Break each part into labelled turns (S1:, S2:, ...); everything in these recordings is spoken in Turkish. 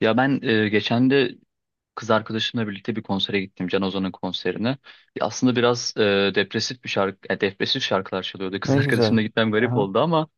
S1: Ya ben geçen de kız arkadaşımla birlikte bir konsere gittim. Can Ozan'ın konserine. Ya aslında biraz depresif şarkılar çalıyordu.
S2: Ne
S1: Kız
S2: güzel.
S1: arkadaşımla gitmem garip
S2: Aha.
S1: oldu ama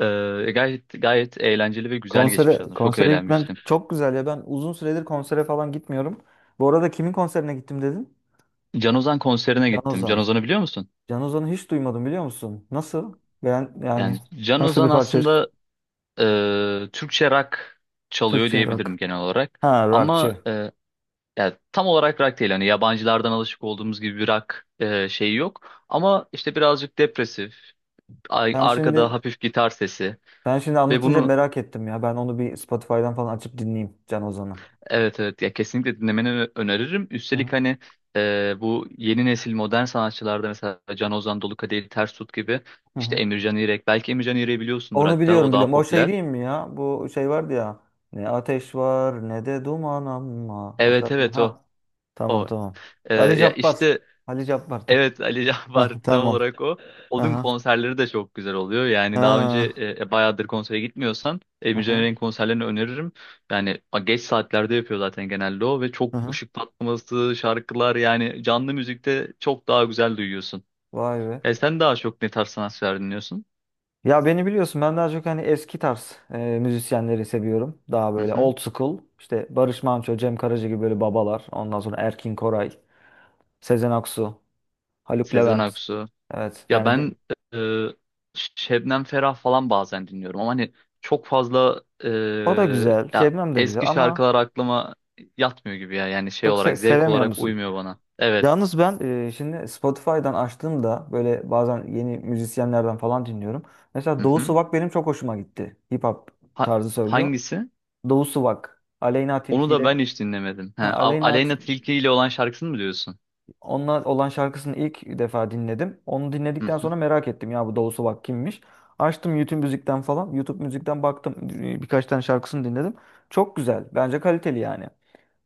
S1: gayet gayet eğlenceli ve güzel geçmiş
S2: Konsere
S1: aslında. Çok
S2: konsere gitmen
S1: eğlenmiştim.
S2: çok güzel ya. Ben uzun süredir konsere falan gitmiyorum. Bu arada kimin konserine gittim dedin?
S1: Can Ozan konserine
S2: Can
S1: gittim. Can
S2: Ozan.
S1: Ozan'ı biliyor musun?
S2: Can Ozan'ı hiç duymadım biliyor musun? Nasıl? Ben yani
S1: Yani Can
S2: nasıl bir
S1: Ozan
S2: parça?
S1: aslında Türkçe rock çalıyor
S2: Türkçe rock.
S1: diyebilirim genel olarak.
S2: Ha
S1: Ama
S2: rockçı.
S1: yani tam olarak rock değil. Hani yabancılardan alışık olduğumuz gibi bir rock şeyi yok. Ama işte birazcık depresif.
S2: Ben
S1: Arkada
S2: şimdi
S1: hafif gitar sesi
S2: ben şimdi
S1: ve
S2: anlatınca
S1: bunu
S2: merak ettim ya. Ben onu bir Spotify'dan falan açıp dinleyeyim Can Ozan'ı.
S1: evet, evet, ya kesinlikle dinlemeni öneririm.
S2: Hı
S1: Üstelik
S2: hı.
S1: hani bu yeni nesil modern sanatçılarda mesela Can Ozan, Dolu Ters Tut gibi
S2: Hı
S1: işte
S2: hı.
S1: Emircan İrek, belki Emircan İrek'i biliyorsundur,
S2: Onu
S1: hatta
S2: biliyorum
S1: o daha
S2: biliyorum. O şey
S1: popüler.
S2: değil mi ya? Bu şey vardı ya. Ne ateş var ne de duman ama. O
S1: Evet,
S2: şarkı.
S1: evet, o
S2: Ha. Tamam
S1: o.
S2: tamam. Ali
S1: Ya
S2: Cabbar.
S1: işte
S2: Ali Cabbar da.
S1: evet, Ali Cabbar
S2: Hah,
S1: tam
S2: tamam.
S1: olarak o. Onun
S2: Aha.
S1: konserleri de çok güzel oluyor. Yani daha önce
S2: Ha.
S1: bayağıdır konsere gitmiyorsan Emre
S2: Aha.
S1: Caner'in konserlerini öneririm. Yani geç saatlerde yapıyor zaten genelde o ve çok
S2: Aha.
S1: ışık patlaması, şarkılar, yani canlı müzikte çok daha güzel duyuyorsun.
S2: Vay be.
S1: Sen daha çok ne tarz sanatçılar dinliyorsun?
S2: Ya beni biliyorsun, ben daha çok hani eski tarz müzisyenleri seviyorum. Daha
S1: Hı
S2: böyle
S1: hı.
S2: old school. İşte Barış Manço, Cem Karaca gibi böyle babalar. Ondan sonra Erkin Koray, Sezen Aksu, Haluk
S1: Sezen
S2: Levent.
S1: Aksu.
S2: Evet
S1: Ya
S2: yani
S1: ben e, Şebnem Ferah falan bazen dinliyorum ama hani çok fazla
S2: o da güzel.
S1: ya
S2: Şebnem de güzel
S1: eski
S2: ama
S1: şarkılar aklıma yatmıyor gibi ya. Yani şey
S2: çok
S1: olarak, zevk
S2: sevemiyor
S1: olarak
S2: musun?
S1: uymuyor bana. Evet.
S2: Yalnız ben şimdi Spotify'dan açtığımda böyle bazen yeni müzisyenlerden falan dinliyorum.
S1: Hı
S2: Mesela Doğu
S1: hı.
S2: Suvak benim çok hoşuma gitti. Hip hop
S1: Ha-
S2: tarzı söylüyor.
S1: Hangisi?
S2: Doğu Suvak, Aleyna
S1: Onu
S2: Tilki
S1: da
S2: ile
S1: ben hiç dinlemedim. He,
S2: ha,
S1: Aleyna Tilki ile olan şarkısını mı diyorsun?
S2: Onunla olan şarkısını ilk defa dinledim. Onu
S1: Hı
S2: dinledikten
S1: hı.
S2: sonra merak ettim ya bu Doğu Suvak kimmiş. Açtım YouTube müzikten falan. YouTube müzikten baktım, birkaç tane şarkısını dinledim. Çok güzel. Bence kaliteli yani.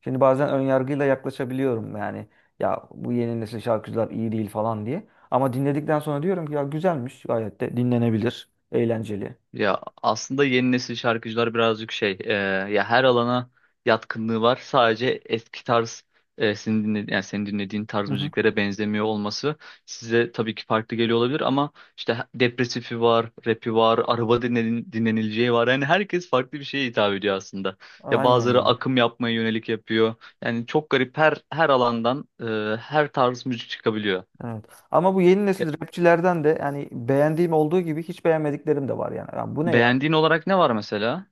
S2: Şimdi bazen ön yargıyla yaklaşabiliyorum yani, ya bu yeni nesil şarkıcılar iyi değil falan diye. Ama dinledikten sonra diyorum ki ya güzelmiş, gayet de dinlenebilir, eğlenceli.
S1: Ya aslında yeni nesil şarkıcılar birazcık şey ya her alana yatkınlığı var. Sadece eski tarz yani senin dinlediğin tarz
S2: Hı hı.
S1: müziklere benzemiyor olması size tabii ki farklı geliyor olabilir ama işte depresifi var, rapi var, araba dinlenileceği var. Yani herkes farklı bir şeye hitap ediyor aslında. Ya
S2: Aynen
S1: bazıları
S2: ya.
S1: akım yapmaya yönelik yapıyor. Yani çok garip, her alandan her tarz müzik çıkabiliyor.
S2: Evet. Ama bu yeni
S1: Ya,
S2: nesil rapçilerden de yani beğendiğim olduğu gibi hiç beğenmediklerim de var yani. Ya bu ne ya?
S1: beğendiğin olarak ne var mesela?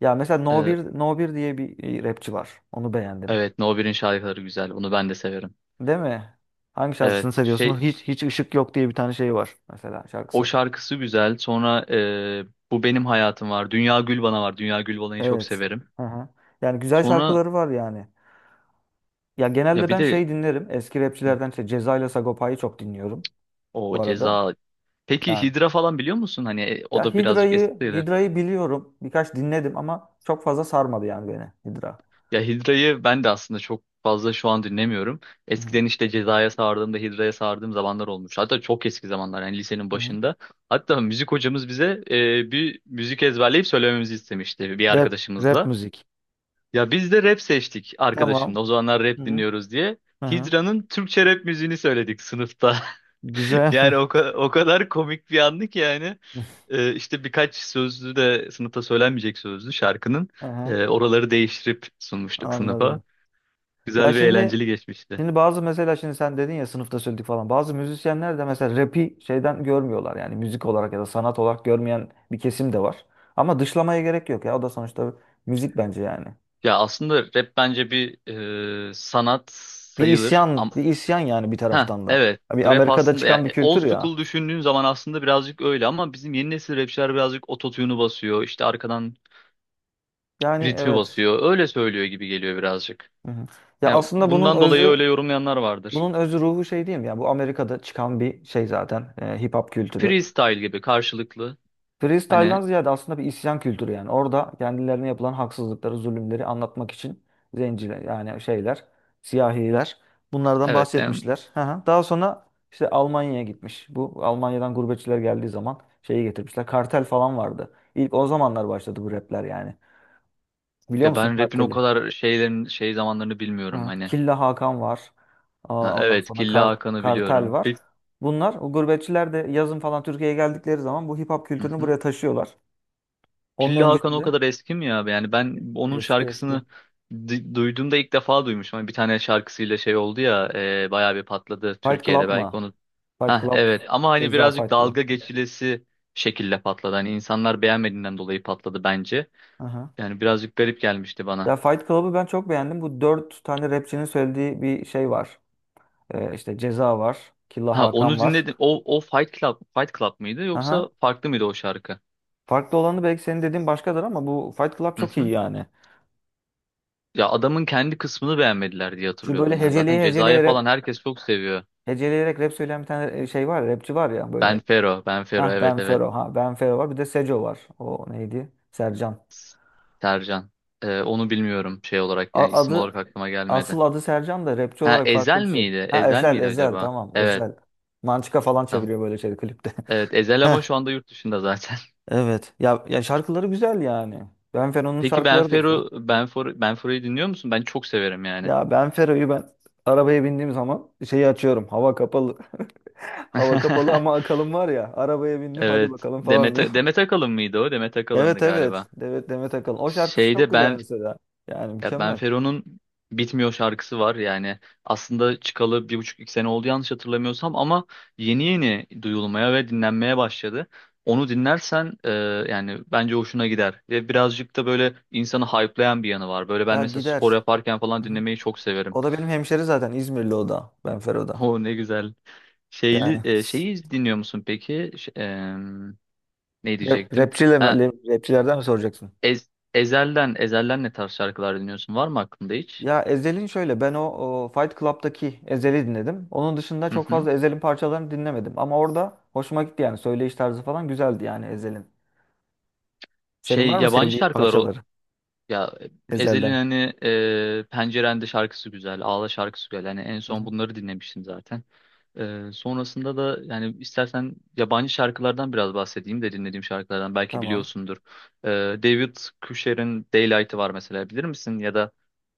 S2: Ya mesela No 1 diye bir rapçi var. Onu beğendim.
S1: Evet, No No.1'in şarkıları güzel. Onu ben de severim.
S2: Değil mi? Hangi şarkısını
S1: Evet,
S2: seviyorsun?
S1: şey,
S2: Hiç ışık yok diye bir tane şey var mesela
S1: o
S2: şarkısı.
S1: şarkısı güzel. Sonra e, Bu Benim Hayatım var. Dünya Gül Bana var. Dünya Gül Bana'yı çok
S2: Evet.
S1: severim.
S2: Hı hı. Yani güzel
S1: Sonra
S2: şarkıları var yani. Ya
S1: ya
S2: genelde
S1: bir
S2: ben
S1: de
S2: şey dinlerim. Eski rapçilerden işte Ceza ile Sagopa'yı çok dinliyorum
S1: o
S2: bu arada.
S1: Ceza. Peki
S2: Yani
S1: Hidra falan biliyor musun? Hani o
S2: ya
S1: da birazcık
S2: Hidra'yı
S1: eskidir.
S2: Hidra'yı biliyorum. Birkaç dinledim ama çok fazla sarmadı yani beni. Hidra.
S1: Ya Hidra'yı ben de aslında çok fazla şu an dinlemiyorum.
S2: Hı hı.
S1: Eskiden işte Ceza'ya sardığımda Hidra'ya sardığım zamanlar olmuş. Hatta çok eski zamanlar, yani lisenin
S2: Hı hı.
S1: başında. Hatta müzik hocamız bize bir müzik ezberleyip söylememizi istemişti bir
S2: Rap
S1: arkadaşımızla.
S2: müzik.
S1: Ya biz de rap seçtik
S2: Tamam.
S1: arkadaşımla. O zamanlar
S2: Hı
S1: rap
S2: hı.
S1: dinliyoruz diye.
S2: Hı hı.
S1: Hidra'nın Türkçe rap müziğini söyledik sınıfta.
S2: Güzel.
S1: Yani o kadar komik bir andı ki yani. İşte birkaç sözlü de sınıfta söylenmeyecek sözlü şarkının
S2: Hı hı.
S1: oraları değiştirip sunmuştuk sınıfa.
S2: Anladım. Ya
S1: Güzel ve
S2: şimdi
S1: eğlenceli geçmişti.
S2: şimdi bazı mesela şimdi sen dedin ya sınıfta söyledik falan. Bazı müzisyenler de mesela rap'i şeyden görmüyorlar. Yani müzik olarak ya da sanat olarak görmeyen bir kesim de var. Ama dışlamaya gerek yok ya. O da sonuçta müzik bence yani.
S1: Ya aslında rap bence bir sanat
S2: Bir
S1: sayılır.
S2: isyan,
S1: Ama
S2: bir isyan yani bir
S1: ha,
S2: taraftan da.
S1: evet,
S2: Bir
S1: rap
S2: Amerika'da
S1: aslında ya,
S2: çıkan bir
S1: old
S2: kültür ya.
S1: school düşündüğün zaman aslında birazcık öyle ama bizim yeni nesil rapçiler birazcık ototune'u basıyor. İşte arkadan
S2: Yani
S1: ritmi
S2: evet.
S1: basıyor. Öyle söylüyor gibi geliyor birazcık.
S2: Hı hı. Ya
S1: Ya
S2: aslında bunun
S1: bundan dolayı
S2: özü,
S1: öyle yorumlayanlar vardır.
S2: bunun özü ruhu şey diyeyim ya. Bu Amerika'da çıkan bir şey zaten. Hip hop kültürü.
S1: Freestyle gibi karşılıklı.
S2: Freestyle'dan
S1: Hani
S2: ziyade aslında bir isyan kültürü yani. Orada kendilerine yapılan haksızlıkları, zulümleri anlatmak için zenciler yani şeyler, siyahiler bunlardan
S1: evet,
S2: bahsetmişler. Hı hı. Daha sonra işte Almanya'ya gitmiş. Bu Almanya'dan gurbetçiler geldiği zaman şeyi getirmişler. Kartel falan vardı. İlk o zamanlar başladı bu rapler yani. Biliyor
S1: ya
S2: musun
S1: ben rap'in o
S2: karteli?
S1: kadar şeylerin, şey zamanlarını bilmiyorum
S2: Hı.
S1: hani.
S2: Killa Hakan var.
S1: Ha,
S2: Aa, ondan
S1: evet,
S2: sonra
S1: Killa Hakan'ı
S2: kartel
S1: biliyorum.
S2: var. Bunlar o gurbetçiler de yazın falan Türkiye'ye geldikleri zaman bu hip hop
S1: Hı
S2: kültürünü
S1: hı.
S2: buraya taşıyorlar. Onun
S1: Killa Hakan
S2: öncesi
S1: o
S2: de
S1: kadar eski mi ya? Yani ben onun
S2: eski
S1: şarkısını
S2: eski.
S1: duyduğumda ilk defa duymuşum. Hani bir tane şarkısıyla şey oldu ya, bayağı bir patladı
S2: Fight
S1: Türkiye'de,
S2: Club
S1: belki
S2: mı?
S1: onu.
S2: Fight
S1: Ha
S2: Club.
S1: evet, ama hani
S2: Ceza
S1: birazcık
S2: Fight Club.
S1: dalga geçilesi şekilde patladı. Hani insanlar beğenmediğinden dolayı patladı bence.
S2: Aha.
S1: Yani birazcık garip gelmişti bana.
S2: Ya Fight Club'ı ben çok beğendim. Bu dört tane rapçinin söylediği bir şey var. İşte Ceza var. Killa
S1: Ha, onu
S2: Hakan var.
S1: dinledim. O Fight Club mıydı
S2: Aha.
S1: yoksa farklı mıydı o şarkı?
S2: Farklı olanı belki senin dediğin başkadır ama bu Fight Club
S1: Hı
S2: çok iyi
S1: hı.
S2: yani.
S1: Ya adamın kendi kısmını beğenmediler diye
S2: Şu böyle
S1: hatırlıyorum ben. Zaten Ceza'ya falan herkes çok seviyor.
S2: heceleyerek rap söyleyen bir tane şey var ya, rapçi var ya
S1: Ben
S2: böyle.
S1: Fero, Ben Fero,
S2: Hah
S1: evet,
S2: Ben
S1: evet.
S2: Fero. Ha Ben Fero var. Bir de Seco var. O neydi? Sercan.
S1: S- Sercan. Onu bilmiyorum şey olarak, yani isim olarak
S2: Adı,
S1: aklıma
S2: asıl
S1: gelmedi.
S2: adı Sercan da rapçi
S1: Ha,
S2: olarak farklı
S1: Ezel
S2: bir şey.
S1: miydi?
S2: Ha
S1: Ezel
S2: Ezel
S1: miydi
S2: Ezel
S1: acaba?
S2: tamam
S1: Evet.
S2: Ezel. Mançika falan
S1: Tamam.
S2: çeviriyor böyle şey klipte.
S1: Evet, Ezel
S2: Heh,
S1: ama şu anda yurt dışında zaten.
S2: evet. Ya ya şarkıları güzel yani. Benfero'nun
S1: Peki
S2: şarkıları da güzel.
S1: Benfero'yu dinliyor musun? Ben çok severim yani.
S2: Ya Benfero'yu ben arabaya bindiğim zaman şeyi açıyorum. Hava kapalı. Hava kapalı ama Akalın var ya. Arabaya bindim hadi
S1: Evet.
S2: bakalım falan
S1: Demet,
S2: diyor.
S1: Demet Akalın mıydı o? Demet Akalın'dı
S2: Evet.
S1: galiba.
S2: Evet Demet Akalın. O şarkısı çok
S1: Şeyde
S2: güzel
S1: ben,
S2: mesela. Yani
S1: ya
S2: mükemmel.
S1: Benfero'nun Bitmiyor şarkısı var yani. Aslında çıkalı bir buçuk iki sene oldu yanlış hatırlamıyorsam ama yeni yeni duyulmaya ve dinlenmeye başladı. Onu dinlersen yani bence hoşuna gider. Ve birazcık da böyle insanı hype'layan bir yanı var. Böyle ben
S2: Ya
S1: mesela
S2: gider.
S1: spor yaparken falan
S2: Hı hı.
S1: dinlemeyi çok severim.
S2: O da benim hemşeri zaten. İzmirli o da. Benfero da.
S1: O ne güzel. Şeyli,
S2: Yani
S1: e, şeyi dinliyor musun peki? Ne diyecektim? Ha,
S2: rapçilerden mi soracaksın?
S1: Ezel'den, Ezel'den ne tarz şarkılar dinliyorsun? Var mı aklında hiç?
S2: Ya Ezhel'in şöyle ben o Fight Club'daki Ezhel'i dinledim. Onun dışında
S1: Hı
S2: çok
S1: hı.
S2: fazla Ezhel'in parçalarını dinlemedim. Ama orada hoşuma gitti, yani söyleyiş tarzı falan güzeldi yani Ezhel'in. Senin
S1: Şey,
S2: var mı
S1: yabancı
S2: sevdiğin
S1: şarkılar.
S2: parçaları
S1: Ya Ezhel'in
S2: Ezhel'den?
S1: hani Pencerende şarkısı güzel, Ağla şarkısı güzel. Hani en
S2: Hı
S1: son
S2: hı.
S1: bunları dinlemiştim zaten. Sonrasında da yani istersen yabancı şarkılardan biraz bahsedeyim de dinlediğim şarkılardan belki
S2: Tamam.
S1: biliyorsundur. E, David Cusher'in Daylight'ı var mesela, bilir misin? Ya da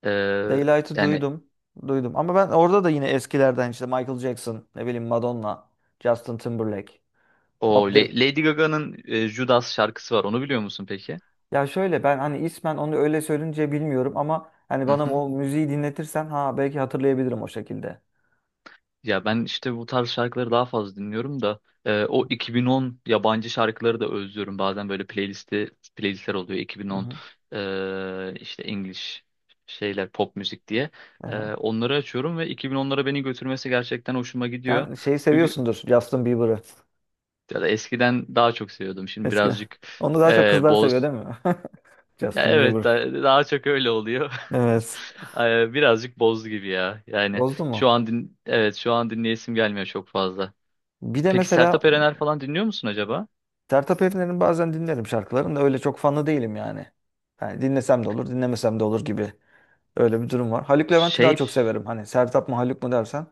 S1: e,
S2: Daylight'ı
S1: yani
S2: duydum. Duydum. Ama ben orada da yine eskilerden işte Michael Jackson, ne bileyim Madonna, Justin Timberlake,
S1: o
S2: Bob,
S1: Lady Gaga'nın Judas şarkısı var. Onu biliyor musun peki?
S2: ya şöyle ben hani ismen onu öyle söyleyince bilmiyorum, ama hani
S1: Hı
S2: bana
S1: hı.
S2: o müziği dinletirsen ha belki hatırlayabilirim o şekilde.
S1: Ya ben işte bu tarz şarkıları daha fazla dinliyorum da o 2010 yabancı şarkıları da özlüyorum. Bazen böyle playlistler oluyor,
S2: Hı
S1: 2010
S2: hı.
S1: işte English şeyler, pop müzik diye. E,
S2: Aha.
S1: onları açıyorum ve 2010'lara beni götürmesi gerçekten hoşuma gidiyor.
S2: Sen şeyi
S1: Çünkü,
S2: seviyorsundur, Justin Bieber'ı
S1: ya da eskiden daha çok seviyordum. Şimdi
S2: eskiden.
S1: birazcık
S2: Onu daha çok kızlar seviyor
S1: boz.
S2: değil mi?
S1: Ya
S2: Justin
S1: evet,
S2: Bieber.
S1: daha çok öyle oluyor.
S2: Evet.
S1: Birazcık boz gibi ya. Yani
S2: Bozdu
S1: şu
S2: mu?
S1: an din evet, şu an dinleyesim gelmiyor çok fazla.
S2: Bir de
S1: Peki
S2: mesela
S1: Sertab Erener falan dinliyor musun acaba?
S2: Sertab Erener'in bazen dinlerim şarkılarını, da öyle çok fanı değilim yani. Yani dinlesem de olur, dinlemesem de olur gibi. Öyle bir durum var. Haluk Levent'i daha
S1: Şey,
S2: çok severim. Hani Sertab mı Haluk mu dersen,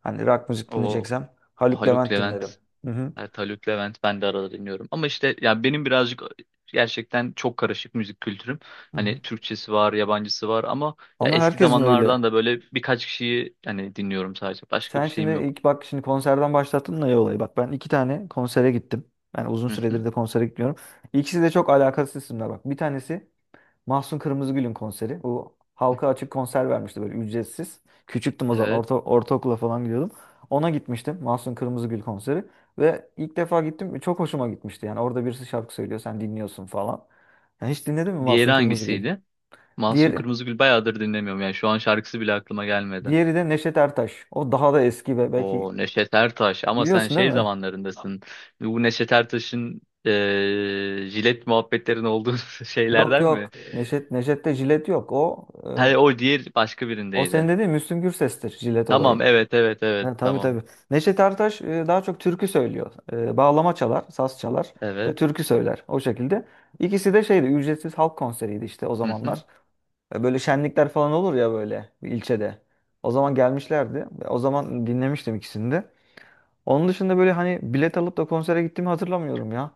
S2: hani rock müzik
S1: o
S2: dinleyeceksem Haluk
S1: Haluk
S2: Levent dinlerim.
S1: Levent.
S2: Hı hı.
S1: Evet, Haluk Levent ben de arada dinliyorum. Ama işte ya benim birazcık gerçekten çok karışık müzik kültürüm.
S2: Hı hı.
S1: Hani Türkçesi var, yabancısı var ama ya
S2: Ama
S1: eski
S2: herkesin öyle.
S1: zamanlardan da böyle birkaç kişiyi hani dinliyorum sadece. Başka
S2: Sen
S1: bir
S2: şimdi
S1: şeyim yok.
S2: ilk bak şimdi konserden başlattın da ya olayı. Bak ben iki tane konsere gittim. Yani uzun
S1: Hı hı.
S2: süredir de konsere gitmiyorum. İkisi de çok alakasız isimler bak. Bir tanesi Mahsun Kırmızıgül'ün konseri. Bu halka açık konser vermişti böyle ücretsiz. Küçüktüm o zaman,
S1: Evet.
S2: ortaokula falan gidiyordum. Ona gitmiştim, Mahsun Kırmızıgül konseri. Ve ilk defa gittim, çok hoşuma gitmişti. Yani orada birisi şarkı söylüyor sen dinliyorsun falan. Yani hiç dinledin mi
S1: Diğeri
S2: Mahsun Kırmızıgül?
S1: hangisiydi? Mahsun
S2: Diğeri,
S1: Kırmızıgül bayağıdır dinlemiyorum. Yani şu an şarkısı bile aklıma gelmedi.
S2: diğeri de Neşet Ertaş. O daha da eski ve belki
S1: O Neşet Ertaş ama sen
S2: biliyorsun değil
S1: şey
S2: mi?
S1: zamanlarındasın. Bu Neşet Ertaş'ın jilet muhabbetlerin olduğu
S2: Yok
S1: şeylerden mi?
S2: yok Neşet'te jilet yok.
S1: Hayır,
S2: E,
S1: o diğer başka
S2: o senin
S1: birindeydi.
S2: dediğin Müslüm Gürses'tir, jilet olayı.
S1: Tamam, evet, evet, evet,
S2: Yani tabii
S1: tamam.
S2: tabii. Neşet Ertaş daha çok türkü söylüyor. E, bağlama çalar, saz çalar ve
S1: Evet.
S2: türkü söyler. O şekilde. İkisi de şeydi, ücretsiz halk konseriydi işte o
S1: Hı hı.
S2: zamanlar. E, böyle şenlikler falan olur ya böyle bir ilçede. O zaman gelmişlerdi. Ve o zaman dinlemiştim ikisini de. Onun dışında böyle hani bilet alıp da konsere gittiğimi hatırlamıyorum ya.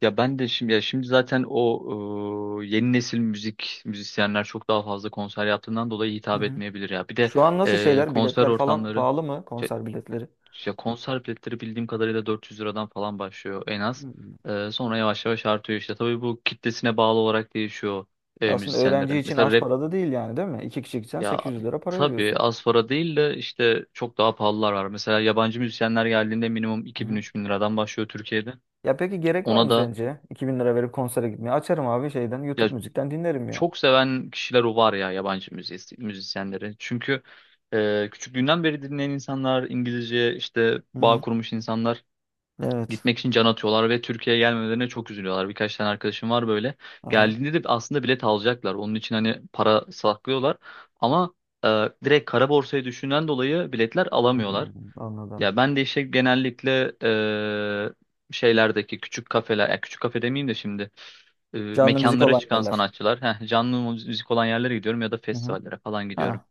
S1: Ya ben de şimdi, ya şimdi zaten o yeni nesil müzisyenler çok daha fazla konser yaptığından dolayı
S2: Hı
S1: hitap
S2: hı.
S1: etmeyebilir ya. Bir de
S2: Şu an nasıl şeyler?
S1: konser
S2: Biletler falan
S1: ortamları.
S2: pahalı mı? Konser biletleri.
S1: Ya konser biletleri bildiğim kadarıyla 400 liradan falan başlıyor en az.
S2: Hı.
S1: Sonra yavaş yavaş artıyor işte. Tabii bu kitlesine bağlı olarak değişiyor
S2: Aslında öğrenci
S1: müzisyenlerin.
S2: için
S1: Mesela
S2: az
S1: rap,
S2: para da değil yani değil mi? İki kişi gitsen
S1: ya
S2: 800 lira para
S1: tabii
S2: veriyorsun.
S1: az para değil de işte çok daha pahalılar var. Mesela yabancı müzisyenler geldiğinde minimum 2000 bin liradan başlıyor Türkiye'de.
S2: Ya peki gerek var
S1: Ona
S2: mı
S1: da,
S2: sence? 2000 lira verip konsere gitmeye. Açarım abi şeyden
S1: ya
S2: YouTube müzikten dinlerim ya.
S1: çok seven kişiler o var ya, yabancı müzisyenleri. Çünkü küçüklüğünden beri dinleyen insanlar, İngilizce işte
S2: Hı
S1: bağ
S2: hı.
S1: kurmuş insanlar
S2: Evet.
S1: gitmek için can atıyorlar ve Türkiye'ye gelmemelerine çok üzülüyorlar. Birkaç tane arkadaşım var böyle.
S2: Aha.
S1: Geldiğinde de aslında bilet alacaklar. Onun için hani para saklıyorlar. Ama direkt kara borsayı düşünen dolayı biletler
S2: Hmm,
S1: alamıyorlar.
S2: anladım. Anladım.
S1: Ya ben de işte genellikle şeylerdeki küçük kafeler, ya küçük kafe demeyeyim de şimdi
S2: Canlı müzik
S1: mekanlara
S2: olan
S1: çıkan
S2: yerler.
S1: sanatçılar, canlı müzik olan yerlere gidiyorum ya da
S2: Hı hı.
S1: festivallere falan gidiyorum.
S2: Ha.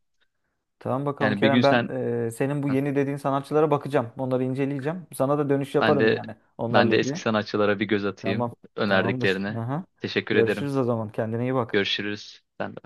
S2: Tamam bakalım
S1: Yani bir gün
S2: Kerem, ben
S1: sen.
S2: senin bu
S1: Heh,
S2: yeni dediğin sanatçılara bakacağım. Onları inceleyeceğim. Sana da dönüş
S1: ben
S2: yaparım
S1: de
S2: yani
S1: ben
S2: onlarla
S1: de eski
S2: ilgili.
S1: sanatçılara bir göz atayım
S2: Tamam. Tamamdır.
S1: önerdiklerine.
S2: Aha.
S1: Teşekkür ederim.
S2: Görüşürüz o zaman. Kendine iyi bak.
S1: Görüşürüz. Sen de.